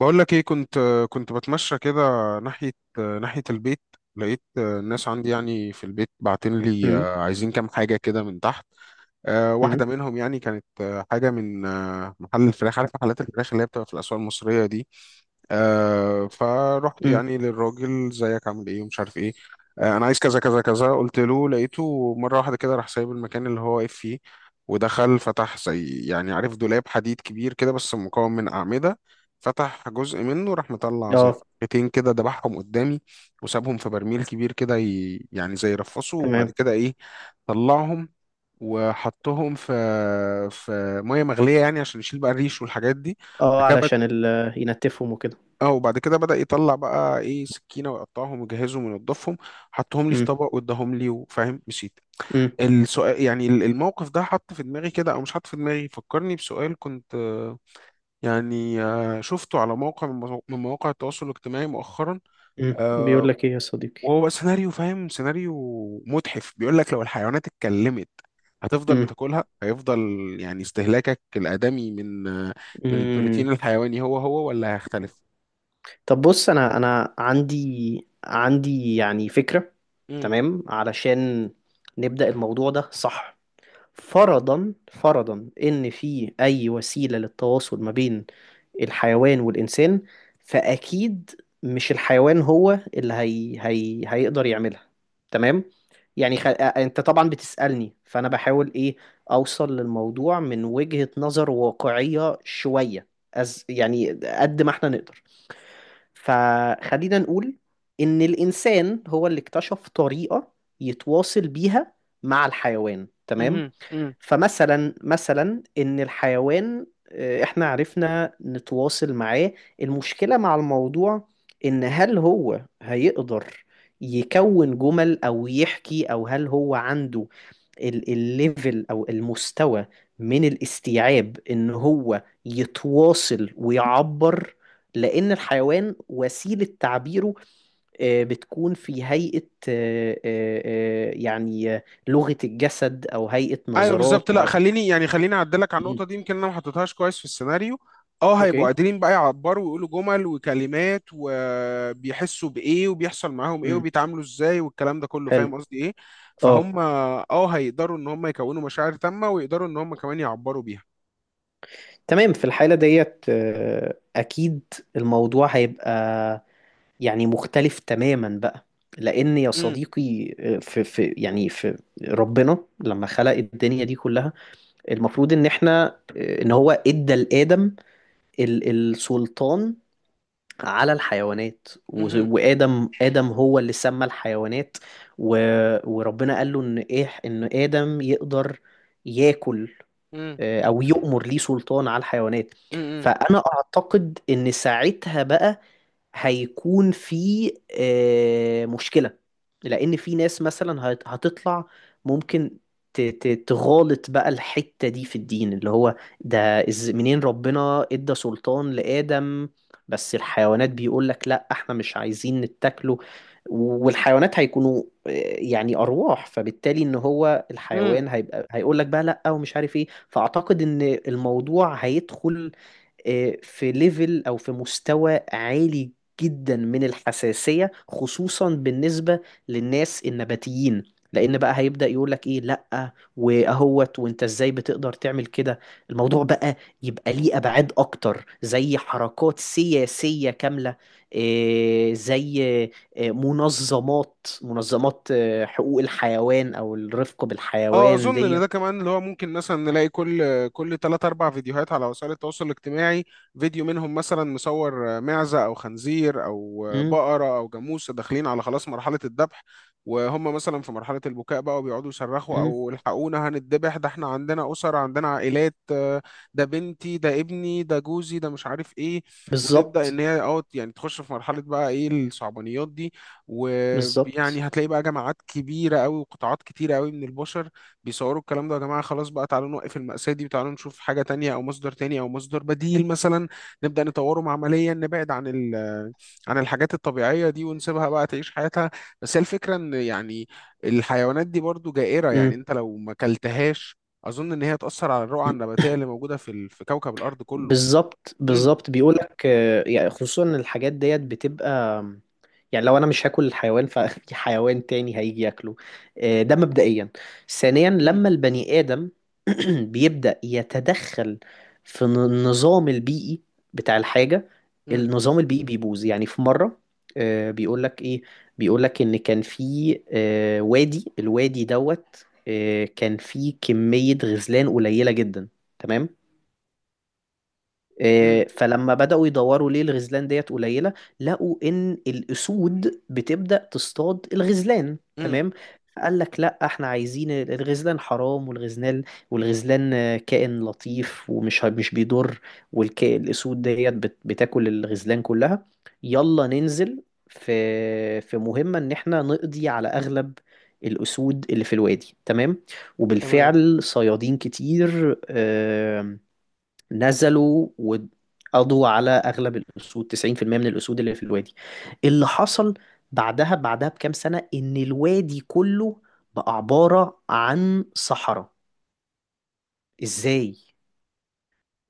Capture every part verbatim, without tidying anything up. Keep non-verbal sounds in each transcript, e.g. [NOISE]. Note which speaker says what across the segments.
Speaker 1: بقول لك ايه، كنت كنت بتمشى كده، ناحية ناحية البيت. لقيت الناس عندي يعني في البيت باعتين لي،
Speaker 2: امم.
Speaker 1: آه، عايزين كام حاجة كده من تحت. آه،
Speaker 2: امم.
Speaker 1: واحدة منهم يعني كانت آه، حاجة من آه، محل الفراخ، عارف محلات الفراخ اللي هي بتبقى في الأسواق المصرية دي. آه، فرحت
Speaker 2: امم.
Speaker 1: يعني للراجل زيك، عامل ايه ومش عارف ايه. آه، انا عايز كذا كذا كذا، قلت له. لقيته مرة واحدة كده راح سايب المكان اللي هو واقف فيه، ودخل فتح زي يعني عارف دولاب حديد كبير كده، بس مكون من أعمدة. فتح جزء منه راح مطلع زي
Speaker 2: اه،
Speaker 1: فرختين كده، دبحهم قدامي وسابهم في برميل كبير كده ي- يعني زي رفصه. وبعد
Speaker 2: تمام.
Speaker 1: كده ايه، طلعهم وحطهم في في ميه مغليه، يعني عشان يشيل بقى الريش والحاجات دي. بعد
Speaker 2: اه،
Speaker 1: كده
Speaker 2: علشان
Speaker 1: بد-
Speaker 2: ال... ينتفهم وكده.
Speaker 1: اه وبعد كده بدأ يطلع بقى ايه سكينه ويقطعهم ويجهزهم وينضفهم، حطهم لي في
Speaker 2: امم.
Speaker 1: طبق واداهم لي وفاهم، مشيت.
Speaker 2: امم.
Speaker 1: السؤال يعني ال- الموقف ده حط في دماغي كده او مش حط في دماغي، فكرني بسؤال كنت آه، يعني آه، شفته على موقع من مو- من مواقع التواصل الاجتماعي مؤخرا.
Speaker 2: امم. بيقول
Speaker 1: آه،
Speaker 2: لك ايه يا صديقي؟
Speaker 1: وهو بقى سيناريو، فاهم، سيناريو متحف، بيقول لك لو الحيوانات اتكلمت هتفضل
Speaker 2: امم.
Speaker 1: بتاكلها؟ هيفضل يعني استهلاكك الآدمي من من البروتين
Speaker 2: امم.
Speaker 1: الحيواني هو هو ولا هيختلف؟
Speaker 2: طب بص، انا انا عندي عندي يعني فكرة. تمام. علشان نبدأ الموضوع ده صح، فرضا فرضا ان في اي وسيلة للتواصل ما بين الحيوان والإنسان، فأكيد مش الحيوان هو اللي هي... هي... هيقدر يعملها. تمام. يعني خ... آه، أنت طبعا بتسألني، فأنا بحاول إيه أوصل للموضوع من وجهة نظر واقعية شوية. أز... يعني قد ما إحنا نقدر، فخلينا نقول إن الإنسان هو اللي اكتشف طريقة يتواصل بيها مع الحيوان. تمام.
Speaker 1: امم.
Speaker 2: فمثلا مثلا ان الحيوان، آه، احنا عرفنا نتواصل معاه. المشكلة مع الموضوع ان هل هو هيقدر يكون جمل او يحكي، او هل هو عنده ال- الليفل او المستوى من الاستيعاب ان هو يتواصل ويعبر؟ لان الحيوان وسيلة تعبيره آه، بتكون في هيئة آه، آه، آه، يعني آه، لغة الجسد او هيئة
Speaker 1: ايوه بالظبط،
Speaker 2: نظرات
Speaker 1: لا
Speaker 2: او.
Speaker 1: خليني يعني خليني اعدلك على
Speaker 2: مم.
Speaker 1: النقطه دي، يمكن انا ما حطيتهاش كويس في السيناريو. اه، هيبقوا
Speaker 2: اوكي.
Speaker 1: قادرين بقى يعبروا ويقولوا جمل وكلمات، وبيحسوا بايه وبيحصل معاهم ايه
Speaker 2: امم.
Speaker 1: وبيتعاملوا ازاي والكلام ده كله،
Speaker 2: حلو.
Speaker 1: فاهم قصدي ايه.
Speaker 2: اه،
Speaker 1: فهم اه، هيقدروا ان هم يكونوا مشاعر تامه ويقدروا ان هم كمان يعبروا بيها.
Speaker 2: تمام. في الحالة ديت آه، اكيد الموضوع هيبقى يعني مختلف تماما بقى. لأن يا
Speaker 1: امم.
Speaker 2: صديقي، آه، في في يعني في ربنا لما خلق الدنيا دي كلها، المفروض إن إحنا آه، إن هو إدى لآدم ال- السلطان على الحيوانات. و- وآدم آدم هو اللي سمى الحيوانات. و- وربنا قال له إن إيه إن آدم يقدر ياكل
Speaker 1: امم.
Speaker 2: آه، أو يؤمر، ليه سلطان على الحيوانات. فأنا أعتقد إن ساعتها بقى هيكون في آه، مشكلة، لأن في ناس مثلا هت- هتطلع ممكن ت- ت- تغالط بقى الحتة دي في الدين اللي هو ده. إز منين ربنا إدى سلطان لآدم؟ بس الحيوانات بيقول لك لا، احنا مش عايزين نتاكله. والحيوانات هيكونوا آه، يعني أرواح، فبالتالي إن هو
Speaker 1: امم.
Speaker 2: الحيوان هيبقى هيقول لك بقى لا ومش عارف إيه. فأعتقد إن الموضوع هيدخل آه، في ليفل او في مستوى عالي جدا من الحساسية، خصوصا بالنسبة للناس النباتيين، لان بقى هيبدأ يقولك ايه لأ واهوت وانت ازاي بتقدر تعمل كده. الموضوع بقى يبقى ليه ابعاد اكتر، زي حركات سياسية كاملة، إيه، زي إيه، منظمات منظمات إيه، حقوق الحيوان او الرفق
Speaker 1: اه،
Speaker 2: بالحيوان
Speaker 1: اظن ان
Speaker 2: ديت.
Speaker 1: ده كمان اللي هو ممكن مثلا نلاقي كل كل تلات اربع فيديوهات على وسائل التواصل الاجتماعي، فيديو منهم مثلا مصور معزة او خنزير او
Speaker 2: مم.
Speaker 1: بقرة او جاموسة داخلين على خلاص مرحلة الذبح. وهم مثلا في مرحلة البكاء بقى، وبيقعدوا يصرخوا
Speaker 2: مم.
Speaker 1: او الحقونا هنتذبح، ده احنا عندنا اسر، عندنا عائلات، آه، ده بنتي ده ابني ده جوزي ده مش عارف ايه. وتبدأ
Speaker 2: بالظبط.
Speaker 1: ان هي اه يعني تخش في مرحلة بقى ايه الصعبانيات دي،
Speaker 2: بالظبط.
Speaker 1: ويعني هتلاقي بقى جماعات كبيرة قوي وقطاعات كتيرة قوي من البشر بيصوروا الكلام ده، يا جماعة خلاص بقى تعالوا نوقف المأساة دي، وتعالوا نشوف حاجة تانية أو مصدر تاني أو مصدر بديل مثلا، نبدأ نطوره معمليا، نبعد عن ال آه، عن الحاجات الطبيعية دي ونسيبها بقى تعيش حياتها. بس هي الفكرة إن يعني الحيوانات دي برضو جائرة،
Speaker 2: امم.
Speaker 1: يعني أنت لو ما كلتهاش أظن إن هي تأثر على الرقعة النباتية اللي موجودة في ال... في كوكب الأرض كله.
Speaker 2: بالظبط.
Speaker 1: مم.
Speaker 2: بالظبط. بيقولك آه، يعني خصوصا إن الحاجات ديت بتبقى، يعني لو انا مش هاكل الحيوان ففي [LAUGHS] حيوان تاني هيجي ياكله. آه، ده مبدئيا. ثانيا،
Speaker 1: مم.
Speaker 2: لما البني ادم [CLEARS THROAT] بيبدأ يتدخل في ن- النظام البيئي بتاع الحاجة،
Speaker 1: مم.
Speaker 2: النظام البيئي بيبوظ. يعني في مرة آه، بيقولك ايه، بيقولك ان كان في آه، وادي الوادي دوت، آه، كان فيه كمية غزلان قليلة جدا. تمام.
Speaker 1: مم.
Speaker 2: إيه، فلما بدأوا يدوروا ليه الغزلان ديت قليلة، لقوا إن الأسود بتبدأ تصطاد الغزلان.
Speaker 1: مم.
Speaker 2: تمام. قال لك لا، احنا عايزين الغزلان حرام، والغزلان والغزلان آه، كائن لطيف ومش مش بيضر، والكائن الأسود ديت بت- بتاكل الغزلان كلها. يلا ننزل في في مهمة إن احنا نقضي على أغلب الأسود اللي في الوادي. تمام.
Speaker 1: تمام.
Speaker 2: وبالفعل صيادين كتير آه، نزلوا وقضوا على اغلب الاسود، تسعين في المئة من الاسود اللي في الوادي. اللي حصل بعدها بعدها بكام سنة، ان الوادي كله بقى عبارة عن صحراء. ازاي؟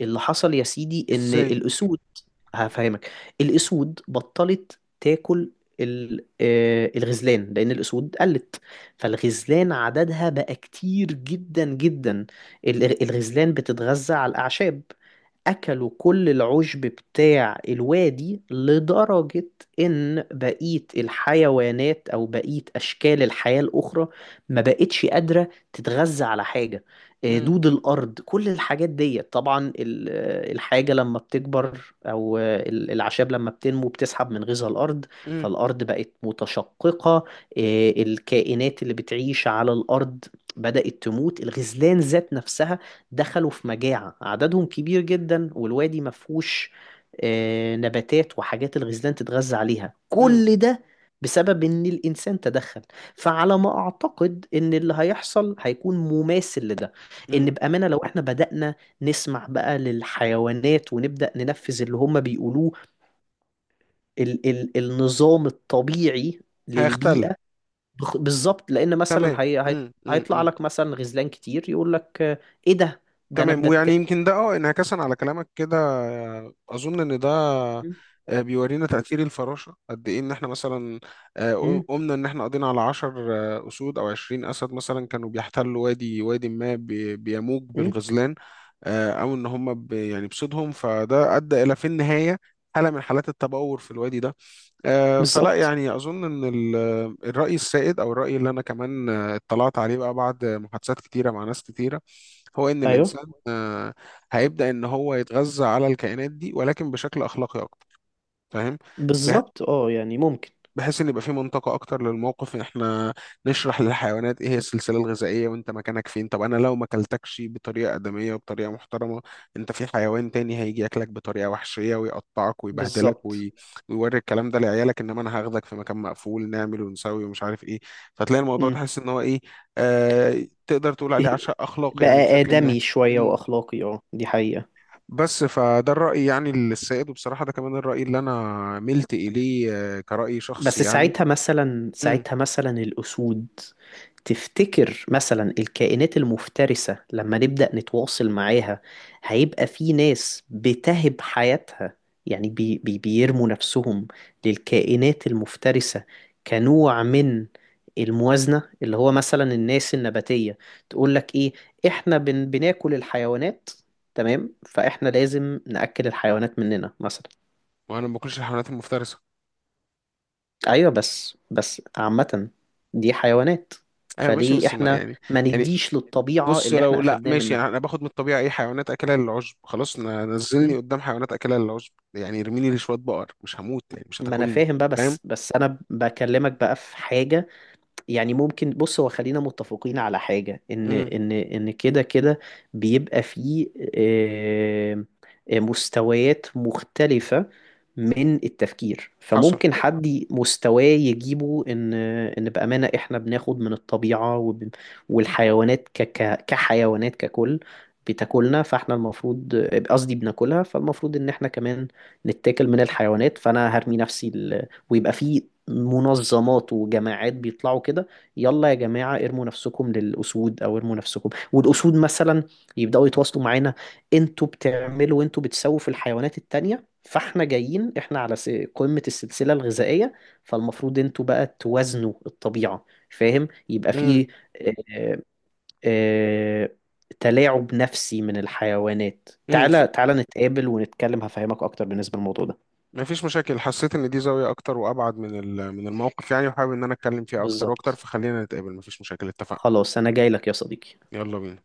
Speaker 2: اللي حصل يا سيدي ان
Speaker 1: إزاي.
Speaker 2: الاسود، هفهمك. الاسود بطلت تاكل ال- آه، الغزلان، لان الاسود قلت، فالغزلان عددها بقى كتير جدا جدا. ال- الغزلان بتتغذى على الاعشاب، أكلوا كل العشب بتاع الوادي لدرجة إن بقية الحيوانات أو بقية أشكال الحياة الأخرى ما بقتش قادرة تتغذى على حاجة. آه،
Speaker 1: مم.
Speaker 2: دود الأرض، كل الحاجات دي، طبعا ال- آه، الحاجة لما بتكبر أو آه، ال- الأعشاب لما بتنمو بتسحب من غذاء الأرض.
Speaker 1: مم.
Speaker 2: فالأرض بقت متشققة، آه، الكائنات اللي بتعيش على الأرض بدأت تموت. الغزلان ذات نفسها دخلوا في مجاعة، عددهم كبير جدا والوادي مفهوش آه، نباتات وحاجات الغزلان تتغذى عليها.
Speaker 1: مم.
Speaker 2: كل ده بسبب ان الانسان تدخل. فعلى ما اعتقد ان اللي هيحصل هيكون مماثل لده. ان
Speaker 1: مم.
Speaker 2: بامانه لو احنا بدانا نسمع بقى للحيوانات ونبدا ننفذ اللي هم بيقولوه، ال ال النظام الطبيعي
Speaker 1: هيختل.
Speaker 2: للبيئه. بخ- بالظبط، لان
Speaker 1: تمام.
Speaker 2: مثلا هي هي-
Speaker 1: مم. مم.
Speaker 2: هيطلع
Speaker 1: مم.
Speaker 2: لك مثلا غزلان كتير، يقول لك آه، ايه ده ده انا
Speaker 1: تمام، ويعني
Speaker 2: بتاكل.
Speaker 1: يمكن ده اه انعكاسا على كلامك كده، آه، اظن ان ده آه، بيورينا تأثير الفراشة قد ايه، ان احنا مثلا آه،
Speaker 2: امم.
Speaker 1: قمنا ان احنا قضينا على عشر آه، اسود او عشرين اسد مثلا، كانوا بيحتلوا وادي وادي ما بي- بيموج
Speaker 2: امم.
Speaker 1: بالغزلان، آه، او ان هم ب- يعني بصيدهم، فده ادى الى في النهاية حالة من حالات التبور في الوادي ده. آه، فلا
Speaker 2: بالظبط.
Speaker 1: يعني أظن إن ال- الرأي السائد، أو الرأي اللي أنا كمان آه، اطلعت عليه بقى بعد محادثات كتيرة مع ناس كتيرة، هو إن
Speaker 2: ايوه،
Speaker 1: الإنسان آه، هيبدأ إن هو يتغذى على الكائنات دي ولكن بشكل أخلاقي أكتر، فاهم؟
Speaker 2: بالظبط. اه، يعني ممكن.
Speaker 1: بحيث ان يبقى في منطقه اكتر للموقف، ان احنا نشرح للحيوانات ايه هي السلسله الغذائيه وانت مكانك فين. طب انا لو ما اكلتكش بطريقه ادميه وبطريقه محترمه، انت في حيوان تاني هيجي ياكلك بطريقه وحشيه ويقطعك ويبهدلك
Speaker 2: بالظبط.
Speaker 1: وي... ويوري الكلام ده لعيالك، انما انا هاخدك في مكان مقفول نعمل ونسوي ومش عارف ايه. فتلاقي الموضوع
Speaker 2: امم.
Speaker 1: تحس ان هو ايه، آه... تقدر تقول عليه عشاء اخلاقي يعني
Speaker 2: بقى
Speaker 1: بشكل ما.
Speaker 2: آدمي شوية
Speaker 1: مم.
Speaker 2: وأخلاقي، اه، دي حقيقة.
Speaker 1: بس فده الرأي يعني السائد، وبصراحة ده كمان الرأي اللي أنا ملت إليه، آه، كرأي شخصي
Speaker 2: بس
Speaker 1: يعني.
Speaker 2: ساعتها مثلا
Speaker 1: مم.
Speaker 2: ساعتها مثلا الأسود، تفتكر مثلا الكائنات المفترسة لما نبدأ نتواصل معاها هيبقى في ناس بتهب حياتها؟ يعني بي بي بيرموا نفسهم للكائنات المفترسة كنوع من الموازنة، اللي هو مثلا الناس النباتية تقول لك ايه، احنا بن بناكل الحيوانات. تمام، فاحنا لازم نأكل الحيوانات مننا مثلا.
Speaker 1: وانا ما باكلش الحيوانات المفترسه.
Speaker 2: ايوه، بس بس عامة دي حيوانات،
Speaker 1: ايوه ماشي
Speaker 2: فليه
Speaker 1: بس ما
Speaker 2: احنا
Speaker 1: يعني،
Speaker 2: ما
Speaker 1: يعني
Speaker 2: نديش للطبيعة
Speaker 1: بص
Speaker 2: اللي احنا
Speaker 1: لو لا
Speaker 2: اخدناه
Speaker 1: ماشي،
Speaker 2: منها؟
Speaker 1: يعني انا باخد من الطبيعه اي حيوانات اكلها للعشب، خلاص ن- نزلني
Speaker 2: مم.
Speaker 1: قدام حيوانات اكلها للعشب، يعني ارميني لشويه بقر، مش هموت يعني، مش
Speaker 2: ما انا
Speaker 1: هتاكلني.
Speaker 2: فاهم بقى،
Speaker 1: فاهم.
Speaker 2: بس بس انا بكلمك بقى في حاجة. يعني ممكن بص، هو خلينا متفقين على حاجة، ان
Speaker 1: امم.
Speaker 2: ان ان كده كده بيبقى فيه آه، آه، مستويات مختلفة من التفكير.
Speaker 1: حصل.
Speaker 2: فممكن حد ي- مستواه يجيبه ان ان بأمانة احنا بناخد من الطبيعة وب- والحيوانات ك ك- كحيوانات ككل بتاكلنا، فاحنا المفروض، قصدي بناكلها، فالمفروض ان احنا كمان نتاكل من الحيوانات. فانا هرمي نفسي، ال... ويبقى فيه منظمات وجماعات بيطلعوا كده: يلا يا جماعة، ارموا نفسكم للأسود، أو ارموا نفسكم والأسود مثلا يبدأوا يتواصلوا معانا. انتوا بتعملوا انتوا بتسووا في الحيوانات التانية، فاحنا جايين احنا على س- قمة السلسلة الغذائية، فالمفروض انتوا بقى توازنوا الطبيعة. فاهم؟ يبقى
Speaker 1: امم.
Speaker 2: في آه، آه، تلاعب نفسي من الحيوانات.
Speaker 1: امم.
Speaker 2: تعالى تعالى نتقابل ونتكلم، هفهمك أكتر بالنسبة للموضوع ده.
Speaker 1: ما فيش مشاكل، حسيت ان دي زاويه اكتر وابعد من ال- من الموقف يعني، وحابب ان انا اتكلم فيها اكتر واكتر،
Speaker 2: بالظبط.
Speaker 1: فخلينا نتقابل، ما فيش مشاكل، اتفقنا.
Speaker 2: خلاص، أنا جاي لك يا صديقي.
Speaker 1: يلا بينا.